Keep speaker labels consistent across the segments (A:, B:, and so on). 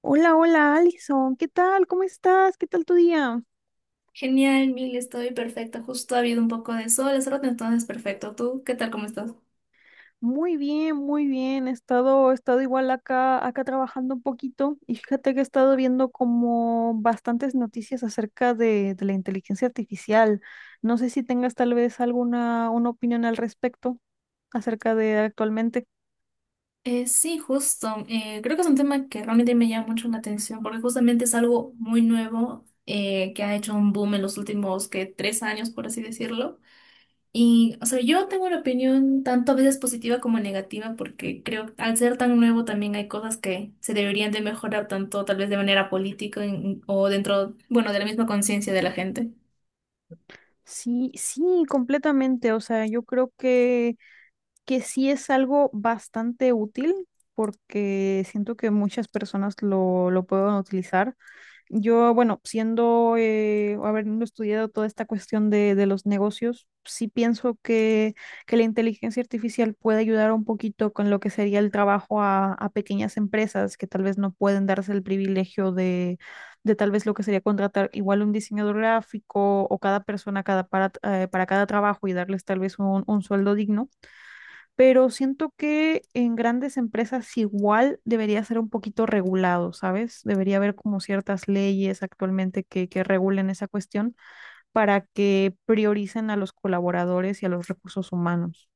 A: Hola, hola, Alison, ¿qué tal? ¿Cómo estás? ¿Qué tal tu día?
B: Genial, Mil, estoy perfecta. Justo ha habido un poco de sol hace rato, entonces perfecto. ¿Tú qué tal? ¿Cómo estás?
A: Muy bien, muy bien. He estado igual acá trabajando un poquito y fíjate que he estado viendo como bastantes noticias acerca de la inteligencia artificial. No sé si tengas tal vez alguna una opinión al respecto acerca de actualmente.
B: Sí, justo. Creo que es un tema que realmente me llama mucho la atención porque justamente es algo muy nuevo que ha hecho un boom en los últimos que 3 años, por así decirlo. Y, o sea, yo tengo una opinión tanto a veces positiva como negativa porque creo que al ser tan nuevo también hay cosas que se deberían de mejorar tanto tal vez de manera política en- o dentro, bueno, de la misma conciencia de la gente.
A: Sí, sí, completamente. O sea, yo creo que sí es algo bastante útil porque siento que muchas personas lo pueden utilizar. Yo, bueno, siendo, habiendo estudiado toda esta cuestión de los negocios, sí pienso que la inteligencia artificial puede ayudar un poquito con lo que sería el trabajo a pequeñas empresas que tal vez no pueden darse el privilegio de tal vez lo que sería contratar igual un diseñador gráfico o cada persona cada para cada trabajo y darles tal vez un sueldo digno, pero siento que en grandes empresas igual debería ser un poquito regulado, ¿sabes? Debería haber como ciertas leyes actualmente que regulen esa cuestión para que prioricen a los colaboradores y a los recursos humanos.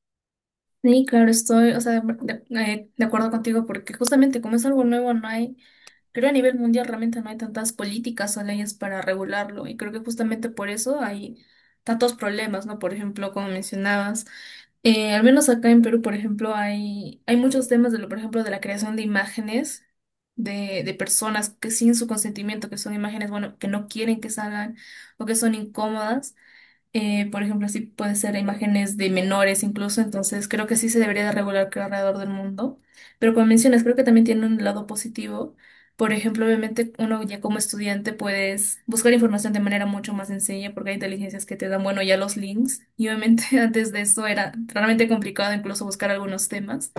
B: Sí, claro, estoy, o sea, de acuerdo contigo, porque justamente como es algo nuevo, no hay, creo a nivel mundial realmente no hay tantas políticas o leyes para regularlo, y creo que justamente por eso hay tantos problemas, ¿no? Por ejemplo, como mencionabas, al menos acá en Perú, por ejemplo, hay muchos temas de lo, por ejemplo, de la creación de imágenes de personas que sin su consentimiento, que son imágenes, bueno, que no quieren que salgan o que son incómodas. Por ejemplo, así puede ser imágenes de menores incluso, entonces creo que sí se debería de regular que alrededor del mundo. Pero como mencionas, creo que también tiene un lado positivo. Por ejemplo, obviamente uno ya como estudiante puedes buscar información de manera mucho más sencilla porque hay inteligencias que te dan, bueno, ya los links. Y obviamente antes de eso era realmente complicado incluso buscar algunos temas.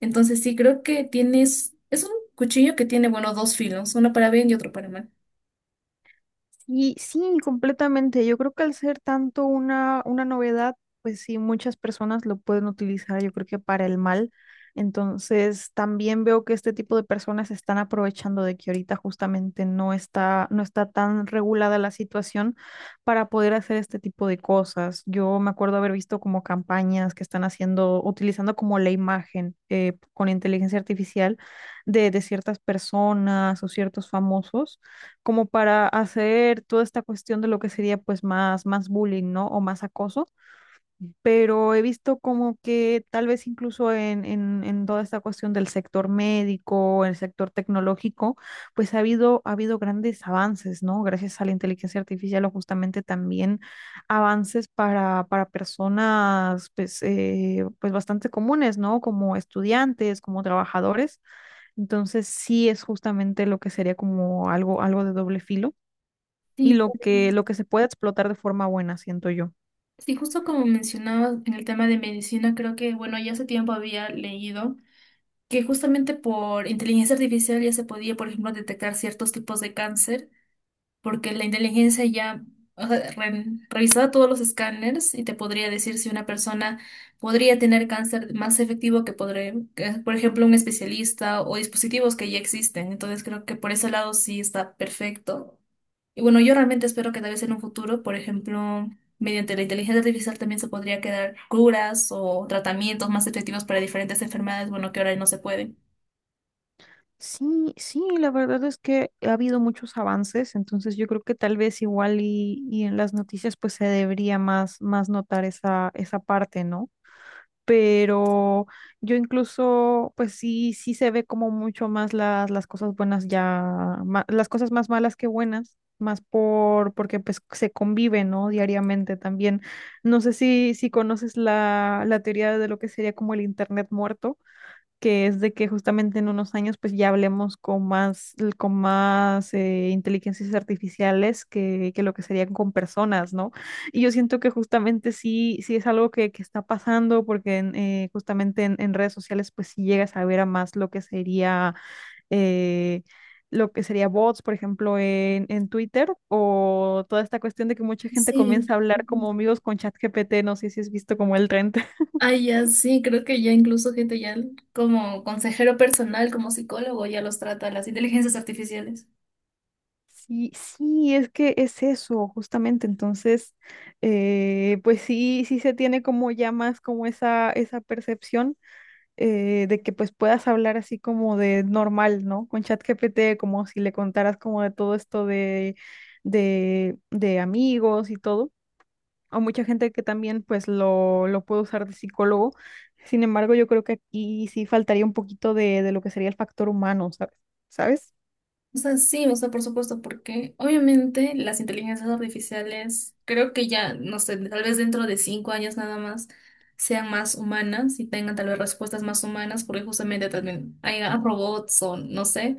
B: Entonces sí, creo que tienes, es un cuchillo que tiene, bueno, dos filos, uno para bien y otro para mal.
A: Sí, sí, completamente. Yo creo que al ser tanto una novedad, pues sí, muchas personas lo pueden utilizar, yo creo que para el mal. Entonces, también veo que este tipo de personas se están aprovechando de que ahorita justamente no está tan regulada la situación para poder hacer este tipo de cosas. Yo me acuerdo haber visto como campañas que están haciendo, utilizando como la imagen con inteligencia artificial de ciertas personas o ciertos famosos como para hacer toda esta cuestión de lo que sería pues más, más bullying, ¿no? O más acoso, pero he visto como que tal vez incluso en toda esta cuestión del sector médico, el sector tecnológico, pues ha habido grandes avances, ¿no? Gracias a la inteligencia artificial o justamente también avances para personas pues, pues bastante comunes, ¿no? Como estudiantes, como trabajadores. Entonces sí es justamente lo que sería como algo, algo de doble filo y
B: Sí,
A: lo que se puede explotar de forma buena, siento yo.
B: sí, justo como mencionabas en el tema de medicina, creo que, bueno, ya hace tiempo había leído que justamente por inteligencia artificial ya se podía, por ejemplo, detectar ciertos tipos de cáncer porque la inteligencia ya, o sea, revisaba todos los escáneres y te podría decir si una persona podría tener cáncer más efectivo que podría, que, por ejemplo, un especialista o dispositivos que ya existen. Entonces creo que por ese lado sí está perfecto. Y bueno, yo realmente espero que tal vez en un futuro, por ejemplo, mediante la inteligencia artificial también se podría quedar curas o tratamientos más efectivos para diferentes enfermedades, bueno, que ahora no se pueden.
A: Sí, sí, la verdad es que ha habido muchos avances, entonces yo creo que tal vez igual y en las noticias pues se debería más, más notar esa, esa parte, ¿no? Pero yo incluso, pues sí, sí se ve como mucho más las cosas buenas ya, las cosas más malas que buenas, más por, porque pues se convive, ¿no? Diariamente también. No sé si conoces la teoría de lo que sería como el internet muerto, que es de que justamente en unos años pues ya hablemos con más inteligencias artificiales que lo que serían con personas, ¿no? Y yo siento que justamente sí, sí es algo que está pasando porque en, justamente en redes sociales pues sí llegas a ver a más eh, lo que sería bots, por ejemplo, en Twitter, o toda esta cuestión de que mucha gente
B: Sí.
A: comienza a hablar como amigos con ChatGPT, no sé si has visto como el trend.
B: Ay, ya sí, creo que ya incluso gente ya como consejero personal, como psicólogo, ya los trata las inteligencias artificiales.
A: Sí, sí, es que es eso, justamente. Entonces, pues sí, sí se tiene como ya más como esa percepción, de que pues puedas hablar así como de normal, ¿no? Con ChatGPT, como si le contaras como de todo esto de, de amigos y todo. O mucha gente que también pues lo puede usar de psicólogo. Sin embargo, yo creo que aquí sí faltaría un poquito de lo que sería el factor humano, ¿sabes? ¿Sabes?
B: O sea, sí, o sea, por supuesto, porque obviamente las inteligencias artificiales, creo que ya, no sé, tal vez dentro de 5 años nada más sean más humanas y tengan tal vez respuestas más humanas, porque justamente también hay robots o no sé,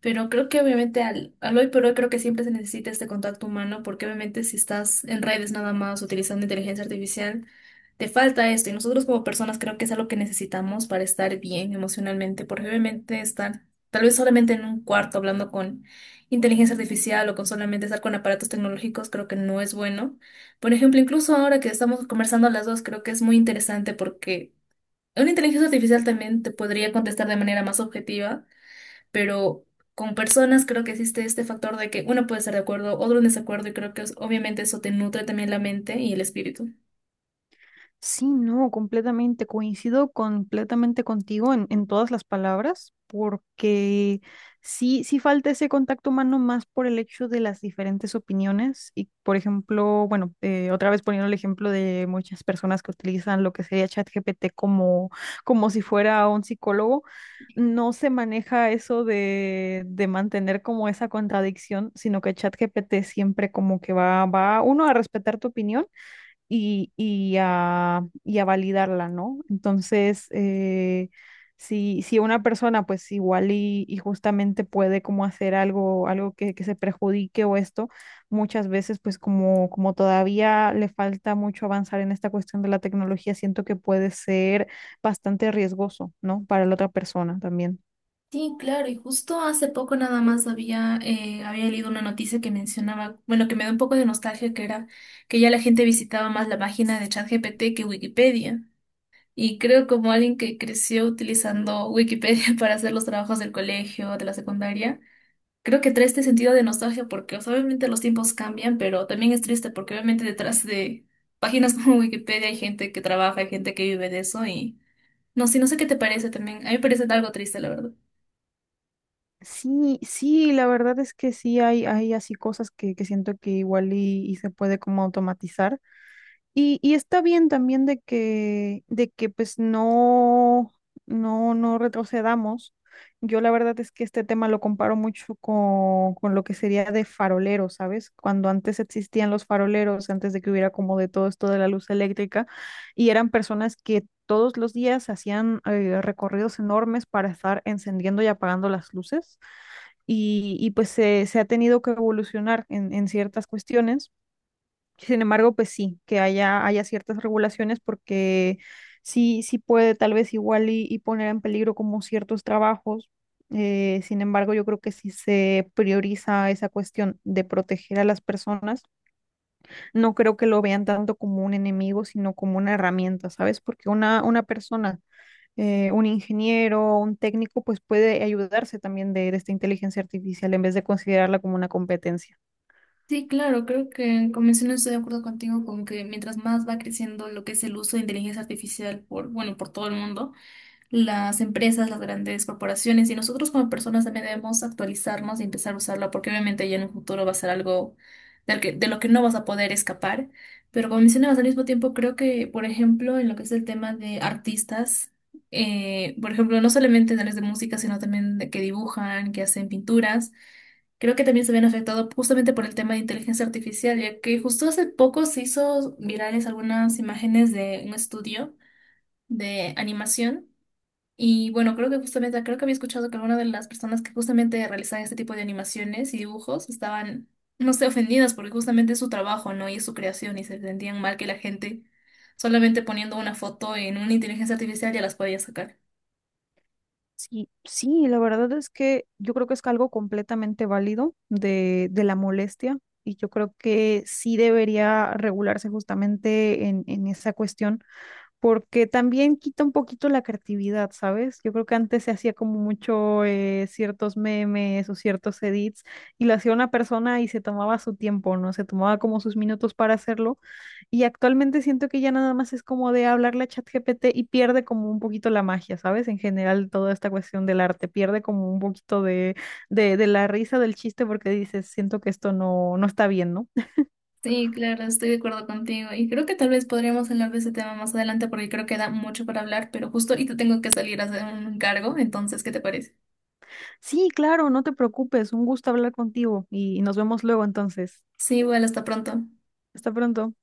B: pero creo que obviamente al hoy por hoy creo que siempre se necesita este contacto humano, porque obviamente si estás en redes nada más utilizando inteligencia artificial, te falta esto y nosotros como personas creo que es algo que necesitamos para estar bien emocionalmente, porque obviamente estar tal vez solamente en un cuarto hablando con inteligencia artificial o con solamente estar con aparatos tecnológicos, creo que no es bueno. Por ejemplo, incluso ahora que estamos conversando las dos, creo que es muy interesante porque una inteligencia artificial también te podría contestar de manera más objetiva, pero con personas creo que existe este factor de que uno puede estar de acuerdo, otro en desacuerdo, y creo que obviamente eso te nutre también la mente y el espíritu.
A: Sí, no, completamente. Coincido completamente contigo en todas las palabras, porque sí, sí falta ese contacto humano más por el hecho de las diferentes opiniones. Y, por ejemplo, bueno, otra vez poniendo el ejemplo de muchas personas que utilizan lo que sería ChatGPT como, como si fuera un psicólogo, no se maneja eso de mantener como esa contradicción, sino que ChatGPT siempre como que va, va, uno, a respetar tu opinión y a validarla, ¿no? Entonces, si, si una persona pues igual y justamente puede como hacer algo, algo que se perjudique o esto, muchas veces pues como, como todavía le falta mucho avanzar en esta cuestión de la tecnología, siento que puede ser bastante riesgoso, ¿no? Para la otra persona también.
B: Sí, claro, y justo hace poco nada más había, había leído una noticia que mencionaba, bueno, que me da un poco de nostalgia, que era que ya la gente visitaba más la página de ChatGPT que Wikipedia. Y creo como alguien que creció utilizando Wikipedia para hacer los trabajos del colegio, de la secundaria, creo que trae este sentido de nostalgia porque, o sea, obviamente los tiempos cambian, pero también es triste porque obviamente detrás de páginas como Wikipedia hay gente que trabaja, hay gente que vive de eso y no sé, no sé qué te parece también. A mí me parece algo triste, la verdad.
A: Sí, sí, la verdad es que sí hay así cosas que siento que igual y se puede como automatizar. Y está bien también de que pues no retrocedamos. Yo la verdad es que este tema lo comparo mucho con lo que sería de faroleros, ¿sabes? Cuando antes existían los faroleros, antes de que hubiera como de todo esto de la luz eléctrica, y eran personas que todos los días hacían, recorridos enormes para estar encendiendo y apagando las luces, y pues se ha tenido que evolucionar en ciertas cuestiones. Sin embargo, pues sí, que haya, haya ciertas regulaciones porque sí, sí puede tal vez igual y poner en peligro como ciertos trabajos. Sin embargo, yo creo que si se prioriza esa cuestión de proteger a las personas, no creo que lo vean tanto como un enemigo, sino como una herramienta, ¿sabes? Porque una persona, un ingeniero, un técnico, pues puede ayudarse también de esta inteligencia artificial en vez de considerarla como una competencia.
B: Sí, claro, creo que como mencioné estoy de acuerdo contigo con que mientras más va creciendo lo que es el uso de inteligencia artificial por, bueno, por todo el mundo, las empresas, las grandes corporaciones y nosotros como personas también debemos actualizarnos y empezar a usarla porque obviamente ya en un futuro va a ser algo de lo que no vas a poder escapar. Pero como mencionabas al mismo tiempo, creo que, por ejemplo, en lo que es el tema de artistas, por ejemplo, no solamente en áreas de música, sino también de que dibujan, que hacen pinturas. Creo que también se ven afectado justamente por el tema de inteligencia artificial, ya que justo hace poco se hizo virales algunas imágenes de un estudio de animación y bueno, creo que justamente, creo que había escuchado que algunas de las personas que justamente realizaban este tipo de animaciones y dibujos estaban, no sé, ofendidas porque justamente es su trabajo, ¿no? Y es su creación y se sentían mal que la gente solamente poniendo una foto en una inteligencia artificial ya las podía sacar.
A: Sí, sí, la verdad es que yo creo que es algo completamente válido de la molestia, y yo creo que sí debería regularse justamente en esa cuestión porque también quita un poquito la creatividad, ¿sabes? Yo creo que antes se hacía como mucho, ciertos memes o ciertos edits y lo hacía una persona y se tomaba su tiempo, ¿no? Se tomaba como sus minutos para hacerlo y actualmente siento que ya nada más es como de hablarle a ChatGPT y pierde como un poquito la magia, ¿sabes? En general toda esta cuestión del arte pierde como un poquito de, de la risa del chiste porque dices, siento que esto no, no está bien, ¿no?
B: Sí, claro, estoy de acuerdo contigo. Y creo que tal vez podríamos hablar de ese tema más adelante porque creo que da mucho para hablar, pero justo ahorita tengo que salir a hacer un cargo, entonces, ¿qué te parece?
A: Sí, claro, no te preocupes, un gusto hablar contigo y nos vemos luego entonces.
B: Sí, bueno, hasta pronto.
A: Hasta pronto.